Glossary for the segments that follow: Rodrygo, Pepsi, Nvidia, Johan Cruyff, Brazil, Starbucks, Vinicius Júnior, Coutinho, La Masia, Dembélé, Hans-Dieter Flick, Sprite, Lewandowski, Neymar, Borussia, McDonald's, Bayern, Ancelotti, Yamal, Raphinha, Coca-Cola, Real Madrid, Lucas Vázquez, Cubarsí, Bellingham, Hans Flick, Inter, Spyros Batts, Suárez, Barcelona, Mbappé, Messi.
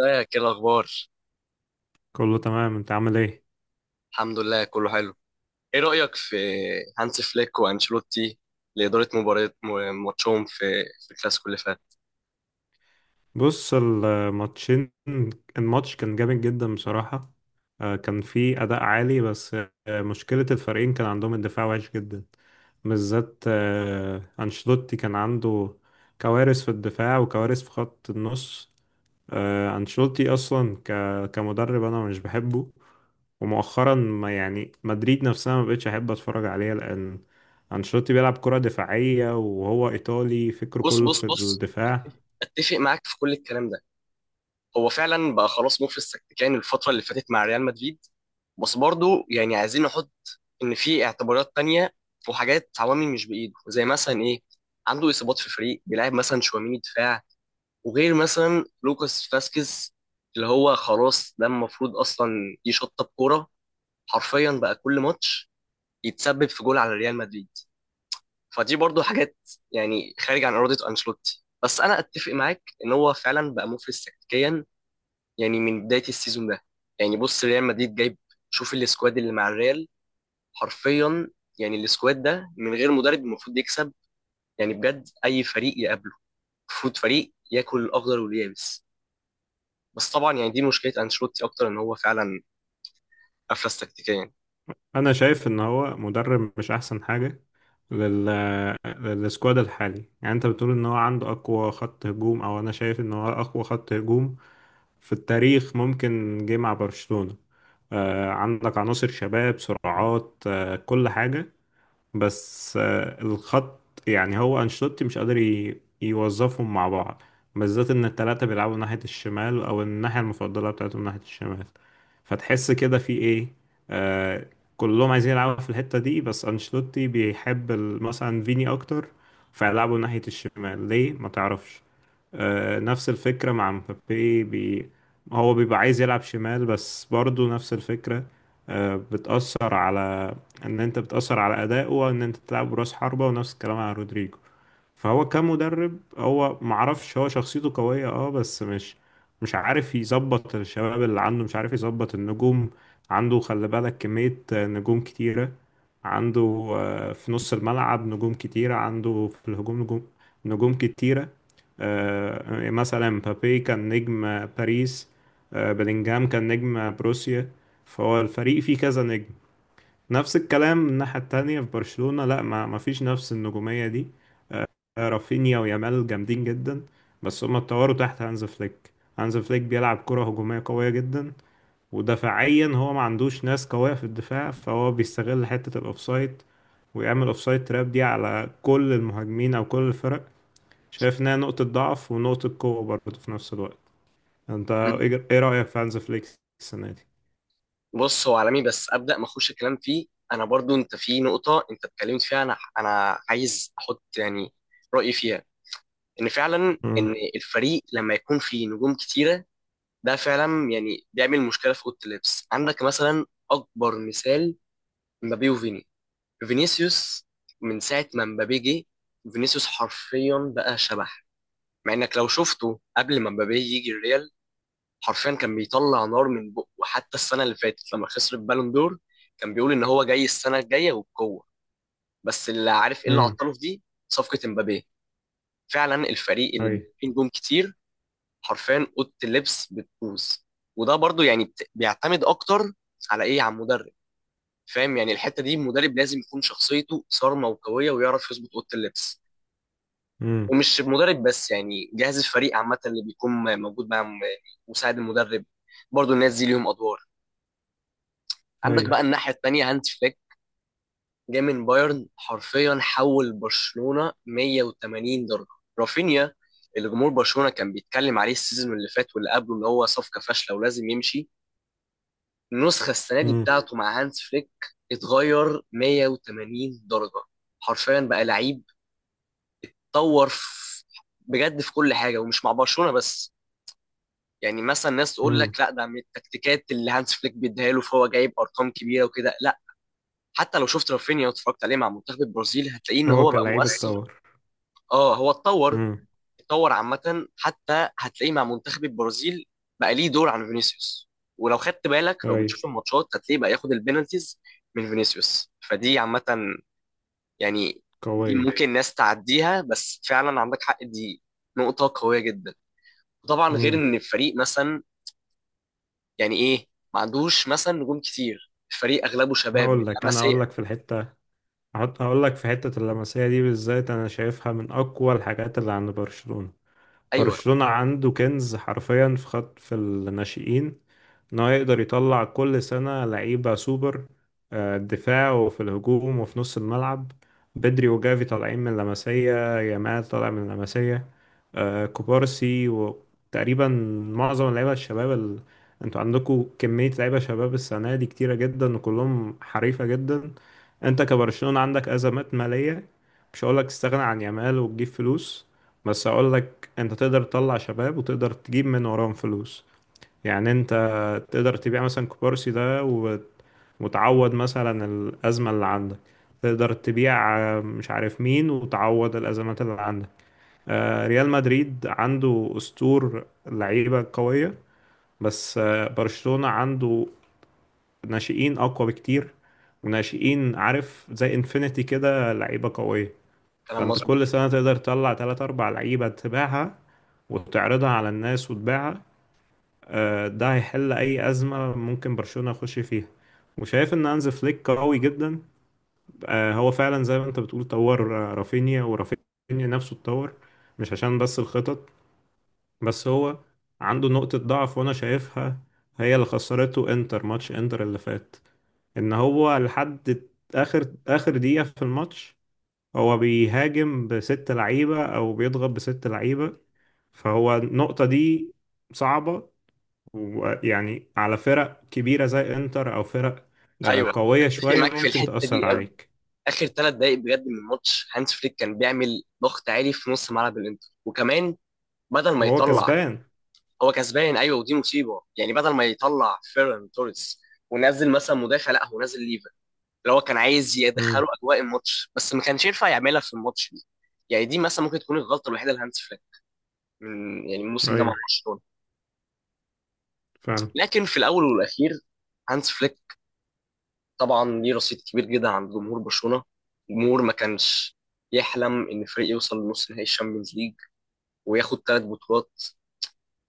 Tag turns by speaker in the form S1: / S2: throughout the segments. S1: ازيك؟ ايه الاخبار؟
S2: كله تمام، انت عامل ايه؟
S1: الحمد لله، كله حلو. ايه رايك في هانس فليك وانشيلوتي لاداره ماتشهم في الكلاسيكو اللي فات؟
S2: بص الماتشين الماتش كان جامد جدا بصراحة. كان فيه أداء عالي، بس مشكلة الفريقين كان عندهم الدفاع وحش جدا. بالذات أنشيلوتي كان عنده كوارث في الدفاع وكوارث في خط النص. آه، أنشيلوتي أصلا ك... كمدرب أنا مش بحبه، ومؤخرا ما يعني مدريد نفسها ما بقتش أحب أتفرج عليها، لأن أنشيلوتي بيلعب كرة دفاعية، وهو إيطالي فكره
S1: بص
S2: كله
S1: بص
S2: في
S1: بص،
S2: الدفاع.
S1: اتفق معاك في كل الكلام ده. هو فعلا بقى خلاص مفلس تكتيكيا الفتره اللي فاتت مع ريال مدريد، بس برضو يعني عايزين نحط ان في اعتبارات تانية وحاجات عوامل مش بايده، زي مثلا ايه؟ عنده اصابات في الفريق، بيلعب مثلا شواميني دفاع، وغير مثلا لوكاس فاسكيز اللي هو خلاص ده المفروض اصلا يشطب كوره، حرفيا بقى كل ماتش يتسبب في جول على ريال مدريد. فدي برضو حاجات يعني خارج عن إرادة أنشيلوتي، بس أنا أتفق معاك إن هو فعلا بقى مفلس تكتيكيا يعني من بداية السيزون ده. يعني بص، ريال مدريد جايب، شوف السكواد اللي مع الريال، حرفيا يعني السكواد ده من غير مدرب المفروض يكسب، يعني بجد أي فريق يقابله المفروض فريق ياكل الأخضر واليابس. بس طبعا يعني دي مشكلة أنشيلوتي أكتر، إن هو فعلا أفلس تكتيكيا.
S2: أنا شايف إن هو مدرب مش أحسن حاجة لل... للسكواد الحالي. يعني أنت بتقول إن هو عنده أقوى خط هجوم، أو أنا شايف إن هو أقوى خط هجوم في التاريخ ممكن جه مع برشلونة. عندك عناصر شباب سرعات كل حاجة. بس الخط، يعني هو أنشيلوتي مش قادر يوظفهم مع بعض، بالذات إن التلاتة بيلعبوا ناحية الشمال، أو الناحية المفضلة بتاعتهم ناحية الشمال. فتحس كده في إيه؟ آه كلهم عايزين يلعبوا في الحتة دي، بس أنشيلوتي بيحب مثلا فيني أكتر، فيلعبوا ناحية الشمال ليه ما تعرفش. نفس الفكرة مع مبابي هو بيبقى عايز يلعب شمال، بس برضو نفس الفكرة. بتأثر على إن أنت بتأثر على أدائه، وإن أنت تلعب براس حربة، ونفس الكلام على رودريجو. فهو كمدرب، هو معرفش، هو شخصيته قوية بس مش، مش عارف يظبط الشباب اللي عنده، مش عارف يظبط النجوم عنده. خلي بالك كمية نجوم كتيرة عنده، في نص الملعب نجوم كتيرة، عنده في الهجوم نجوم كتيرة. مثلا مبابي كان نجم باريس، بلينجهام كان نجم بروسيا. فهو الفريق فيه كذا نجم. نفس الكلام من الناحية التانية في برشلونة، لا ما فيش نفس النجومية دي. رافينيا ويامال جامدين جدا، بس هما اتطوروا تحت هانز فليك. هانز فليك بيلعب كرة هجومية قوية جدا، ودفاعيا هو ما عندوش ناس قوية في الدفاع، فهو بيستغل حتة الأوفسايد، ويعمل أوفسايد تراب دي على كل المهاجمين أو كل الفرق. شايف إنها نقطة ضعف ونقطة قوة برضه في نفس الوقت. أنت إيه رأيك في هانز فليك السنة دي؟
S1: بص، هو عالمي بس ابدا ما اخش الكلام فيه. انا برضو انت في نقطه انت اتكلمت فيها، انا عايز احط يعني رايي فيها. ان فعلا،
S2: امم.
S1: ان الفريق لما يكون فيه نجوم كتيره ده فعلا يعني بيعمل مشكله في اوضه اللبس. عندك مثلا اكبر مثال، مبابي وفيني، فينيسيوس. من ساعه ما مبابي جه، فينيسيوس حرفيا بقى شبح، مع انك لو شفته قبل ما مبابي يجي الريال حرفيا كان بيطلع نار من بقه. وحتى السنه اللي فاتت لما خسر البالون دور كان بيقول ان هو جاي السنه الجايه وبقوه، بس اللي عارف ايه اللي
S2: امم.
S1: عطله في دي، صفقه امبابي. فعلا الفريق اللي
S2: أي.
S1: فيه نجوم كتير حرفيا اوضه اللبس بتبوظ، وده برضو يعني بيعتمد اكتر على ايه، على المدرب. فاهم يعني الحته دي المدرب لازم يكون شخصيته صارمه وقويه ويعرف يظبط اوضه اللبس،
S2: امم.
S1: ومش المدرب بس، يعني جهاز الفريق عامه اللي بيكون موجود مع مساعد المدرب، برضو الناس دي ليهم ادوار. عندك بقى
S2: أي.
S1: الناحية التانية هانز فليك، جاي من بايرن حرفيا حول برشلونة 180 درجة. رافينيا اللي جمهور برشلونة كان بيتكلم عليه السيزون اللي فات واللي قبله ان هو صفقة فاشلة ولازم يمشي، النسخة السنة دي
S2: امم.
S1: بتاعته مع هانز فليك اتغير 180 درجة، حرفيا بقى لعيب، طور في- بجد في كل حاجة، ومش مع برشلونة بس. يعني مثلا ناس تقول
S2: امم.
S1: لك لا ده من التكتيكات اللي هانز فليك بيديها له فهو جايب ارقام كبيره وكده، حتى لو شفت رافينيا واتفرجت عليه مع منتخب البرازيل هتلاقيه ان
S2: هو
S1: هو بقى أيوة
S2: كلاعب
S1: مؤثر.
S2: اتطور.
S1: اه، هو اتطور،
S2: امم.
S1: اتطور عامة، حتى هتلاقيه مع منتخب البرازيل بقى ليه دور عن فينيسيوس. ولو خدت بالك لو
S2: أي.
S1: بتشوف الماتشات هتلاقيه بقى ياخد البينالتيز من فينيسيوس. فدي عامة يعني، دي
S2: قوية.
S1: ممكن ناس تعديها بس فعلا عندك حق، دي نقطة قوية جدا. وطبعا غير ان الفريق مثلا، يعني ايه، ما عندوش مثلا نجوم كتير، الفريق اغلبه شباب من
S2: هقول لك، انا هقول
S1: لاماسيا.
S2: لك في الحته، هقول لك في حته اللمسيه دي بالذات. انا شايفها من اقوى الحاجات اللي عند برشلونه.
S1: ايوه،
S2: برشلونة عنده كنز حرفيا في الناشئين، ان هو يقدر يطلع كل سنة لعيبة سوبر، دفاع وفي الهجوم وفي نص الملعب. بدري وجافي طالعين من لاماسيا، يامال طالع من لاماسيا، كوبارسي، وتقريبا معظم اللعيبة الشباب انتوا عندكم كمية لعيبة شباب السنة دي كتيرة جدا، وكلهم حريفة جدا. انت كبرشلونة عندك أزمات مالية، مش هقولك تستغنى عن يامال وتجيب فلوس، بس هقولك انت تقدر تطلع شباب وتقدر تجيب من وراهم فلوس. يعني انت تقدر تبيع مثلا كوبارسي ده وتعوض مثلا الأزمة اللي عندك. تقدر تبيع مش عارف مين، وتعوض الأزمات اللي عندك. ريال مدريد عنده أسطور لعيبة قوية، بس برشلونة عنده ناشئين أقوى بكتير، وناشئين، عارف، زي انفينيتي كده، لعيبة قوية.
S1: كلام
S2: فانت كل
S1: مظبوط.
S2: سنة تقدر تطلع تلات أربع لعيبة تبيعها، وتعرضها على الناس وتبيعها. ده هيحل أي أزمة ممكن برشلونة يخش فيها. وشايف إن هانز فليك قوي جدا، هو فعلا زي ما أنت بتقول طور رافينيا، ورافينيا نفسه اتطور، مش عشان بس الخطط. بس هو عنده نقطة ضعف وأنا شايفها، هي اللي خسرته إنتر، ماتش إنتر اللي فات. إن هو لحد آخر آخر دقيقة في الماتش، هو بيهاجم بست لعيبة أو بيضغط بست لعيبة، فهو النقطة دي صعبة، ويعني على فرق كبيرة زي إنتر أو فرق
S1: ايوه،
S2: قوية
S1: اتفق
S2: شوية،
S1: معاك في، ايوه،
S2: ممكن
S1: الحته
S2: تأثر
S1: دي قوي.
S2: عليك.
S1: اخر 3 دقائق بجد من الماتش هانس فليك كان بيعمل ضغط عالي في نص ملعب الانتر، وكمان بدل ما هو
S2: وهو
S1: يطلع.
S2: كسبان.
S1: هو كسبان، ايوه، ودي مصيبه، يعني بدل ما يطلع فيران توريس ونزل مثلا مدافع، لا هو نزل ليفا اللي هو كان عايز يدخله
S2: امم.
S1: اجواء الماتش، بس ما كانش ينفع يعملها في الماتش دي. يعني دي مثلا ممكن تكون الغلطه الوحيده لهانس فليك من يعني الموسم ده مع
S2: أيوة،
S1: برشلونه.
S2: فعلا.
S1: لكن في الاول والاخير هانس فليك طبعا ليه رصيد كبير جدا عند جمهور برشلونة، جمهور ما كانش يحلم ان فريق يوصل لنص نهائي الشامبيونز ليج وياخد 3 بطولات.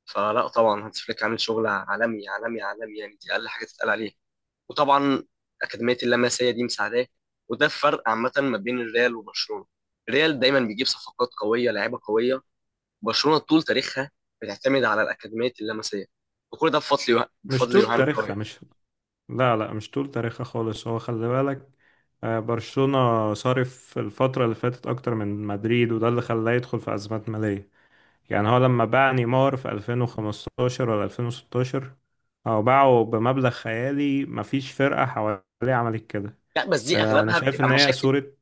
S1: فلا طبعا هانز فليك عامل شغل عالمي عالمي عالمي، يعني دي اقل حاجه تتقال عليه. وطبعا اكاديميه اللمسيه دي مساعداه، وده الفرق عامه ما بين الريال وبرشلونه، الريال دايما بيجيب صفقات قويه لعيبه قويه، برشلونه طول تاريخها بتعتمد على الاكاديميه اللمسيه، وكل ده بفضل
S2: مش
S1: مش
S2: طول
S1: يوهان
S2: تاريخها
S1: كرويف.
S2: مش لا لا، مش طول تاريخها خالص. هو خلي بالك برشلونة صارف الفترة اللي فاتت أكتر من مدريد، وده اللي خلاه يدخل في أزمات مالية. يعني هو لما باع نيمار في 2015 ولا 2016، هو باعه بمبلغ خيالي مفيش فرقة حواليه عملت كده.
S1: لا، بس دي
S2: أنا
S1: اغلبها
S2: شايف
S1: بتبقى
S2: إن هي
S1: مشاكل،
S2: صورة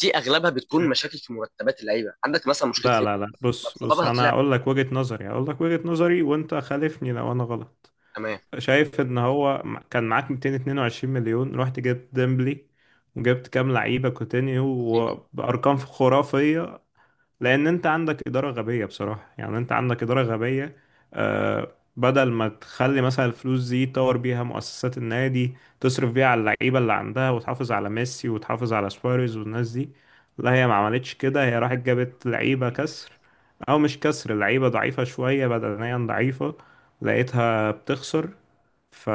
S1: دي اغلبها بتكون
S2: شا-
S1: مشاكل في مرتبات اللعيبه، عندك مثلا مشكله
S2: لا لا لا،
S1: ليفربول
S2: بص بص،
S1: سببها
S2: أنا
S1: طلع.
S2: أقول لك وجهة نظري، وأنت خالفني لو أنا غلط.
S1: تمام،
S2: شايف إن هو كان معاك 222 مليون، رحت جبت ديمبلي وجبت كام لعيبة كوتينيو
S1: فاهمني.
S2: وبأرقام خرافية، لان انت عندك اداره غبيه بصراحه، يعني انت عندك اداره غبيه. بدل ما تخلي مثلا الفلوس دي تطور بيها مؤسسات النادي، تصرف بيها على اللعيبه اللي عندها، وتحافظ على ميسي وتحافظ على سواريز والناس دي. لا، هي ما عملتش كده، هي راحت جابت لعيبه كسر، او مش كسر، لعيبه ضعيفه شويه، بدنيا ضعيفه، لقيتها بتخسر. ف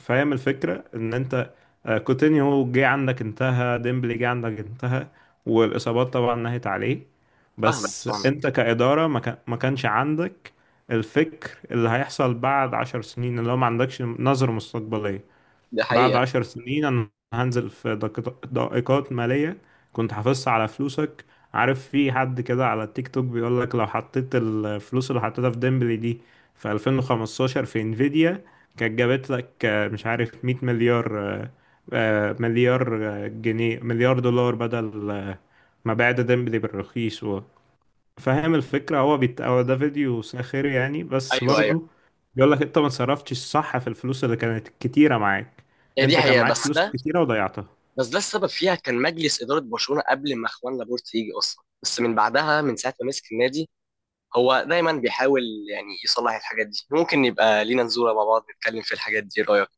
S2: فاهم الفكرة، ان انت كوتينيو جه عندك انتهى، ديمبلي جه عندك انتهى، والاصابات طبعا نهت عليه.
S1: فاهمك
S2: بس
S1: فاهمك
S2: انت
S1: بس،
S2: كإدارة ما كانش عندك الفكر اللي هيحصل بعد 10 سنين، اللي هو ما عندكش نظرة مستقبلية.
S1: ده
S2: بعد
S1: حقيقه.
S2: 10 سنين، أنا هنزل في دقيقات مالية كنت حافظها على فلوسك. عارف، في حد كده على التيك توك بيقول لك لو حطيت الفلوس اللي حطيتها في ديمبلي دي في 2015 في انفيديا، كانت جابت لك مش عارف، 100 مليار، مليار جنيه، مليار دولار، بدل ما بعد ديمبلي بالرخيص. فاهم الفكرة؟ هو ده فيديو ساخر يعني، بس
S1: ايوه ايوه،
S2: برضو بيقول لك انت ما صرفتش الصح في الفلوس اللي كانت كتيرة معاك.
S1: هي دي
S2: انت كان
S1: حقيقه
S2: معاك
S1: بس
S2: فلوس
S1: ده
S2: كتيرة وضيعتها.
S1: بس ده السبب فيها كان مجلس اداره برشلونه قبل ما اخوان لابورت يجي اصلا، بس من بعدها من ساعه ما مسك النادي هو دايما بيحاول يعني يصلح الحاجات دي. ممكن يبقى لينا نزوره مع بعض نتكلم في الحاجات دي، إيه رايك؟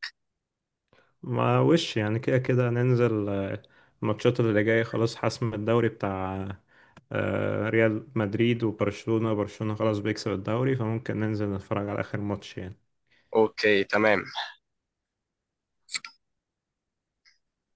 S2: ما وش يعني، كده كده ننزل الماتشات اللي جاية. خلاص، حسم الدوري بتاع ريال مدريد وبرشلونة، برشلونة خلاص بيكسب الدوري، فممكن ننزل نتفرج على آخر ماتش يعني.
S1: اوكي، تمام.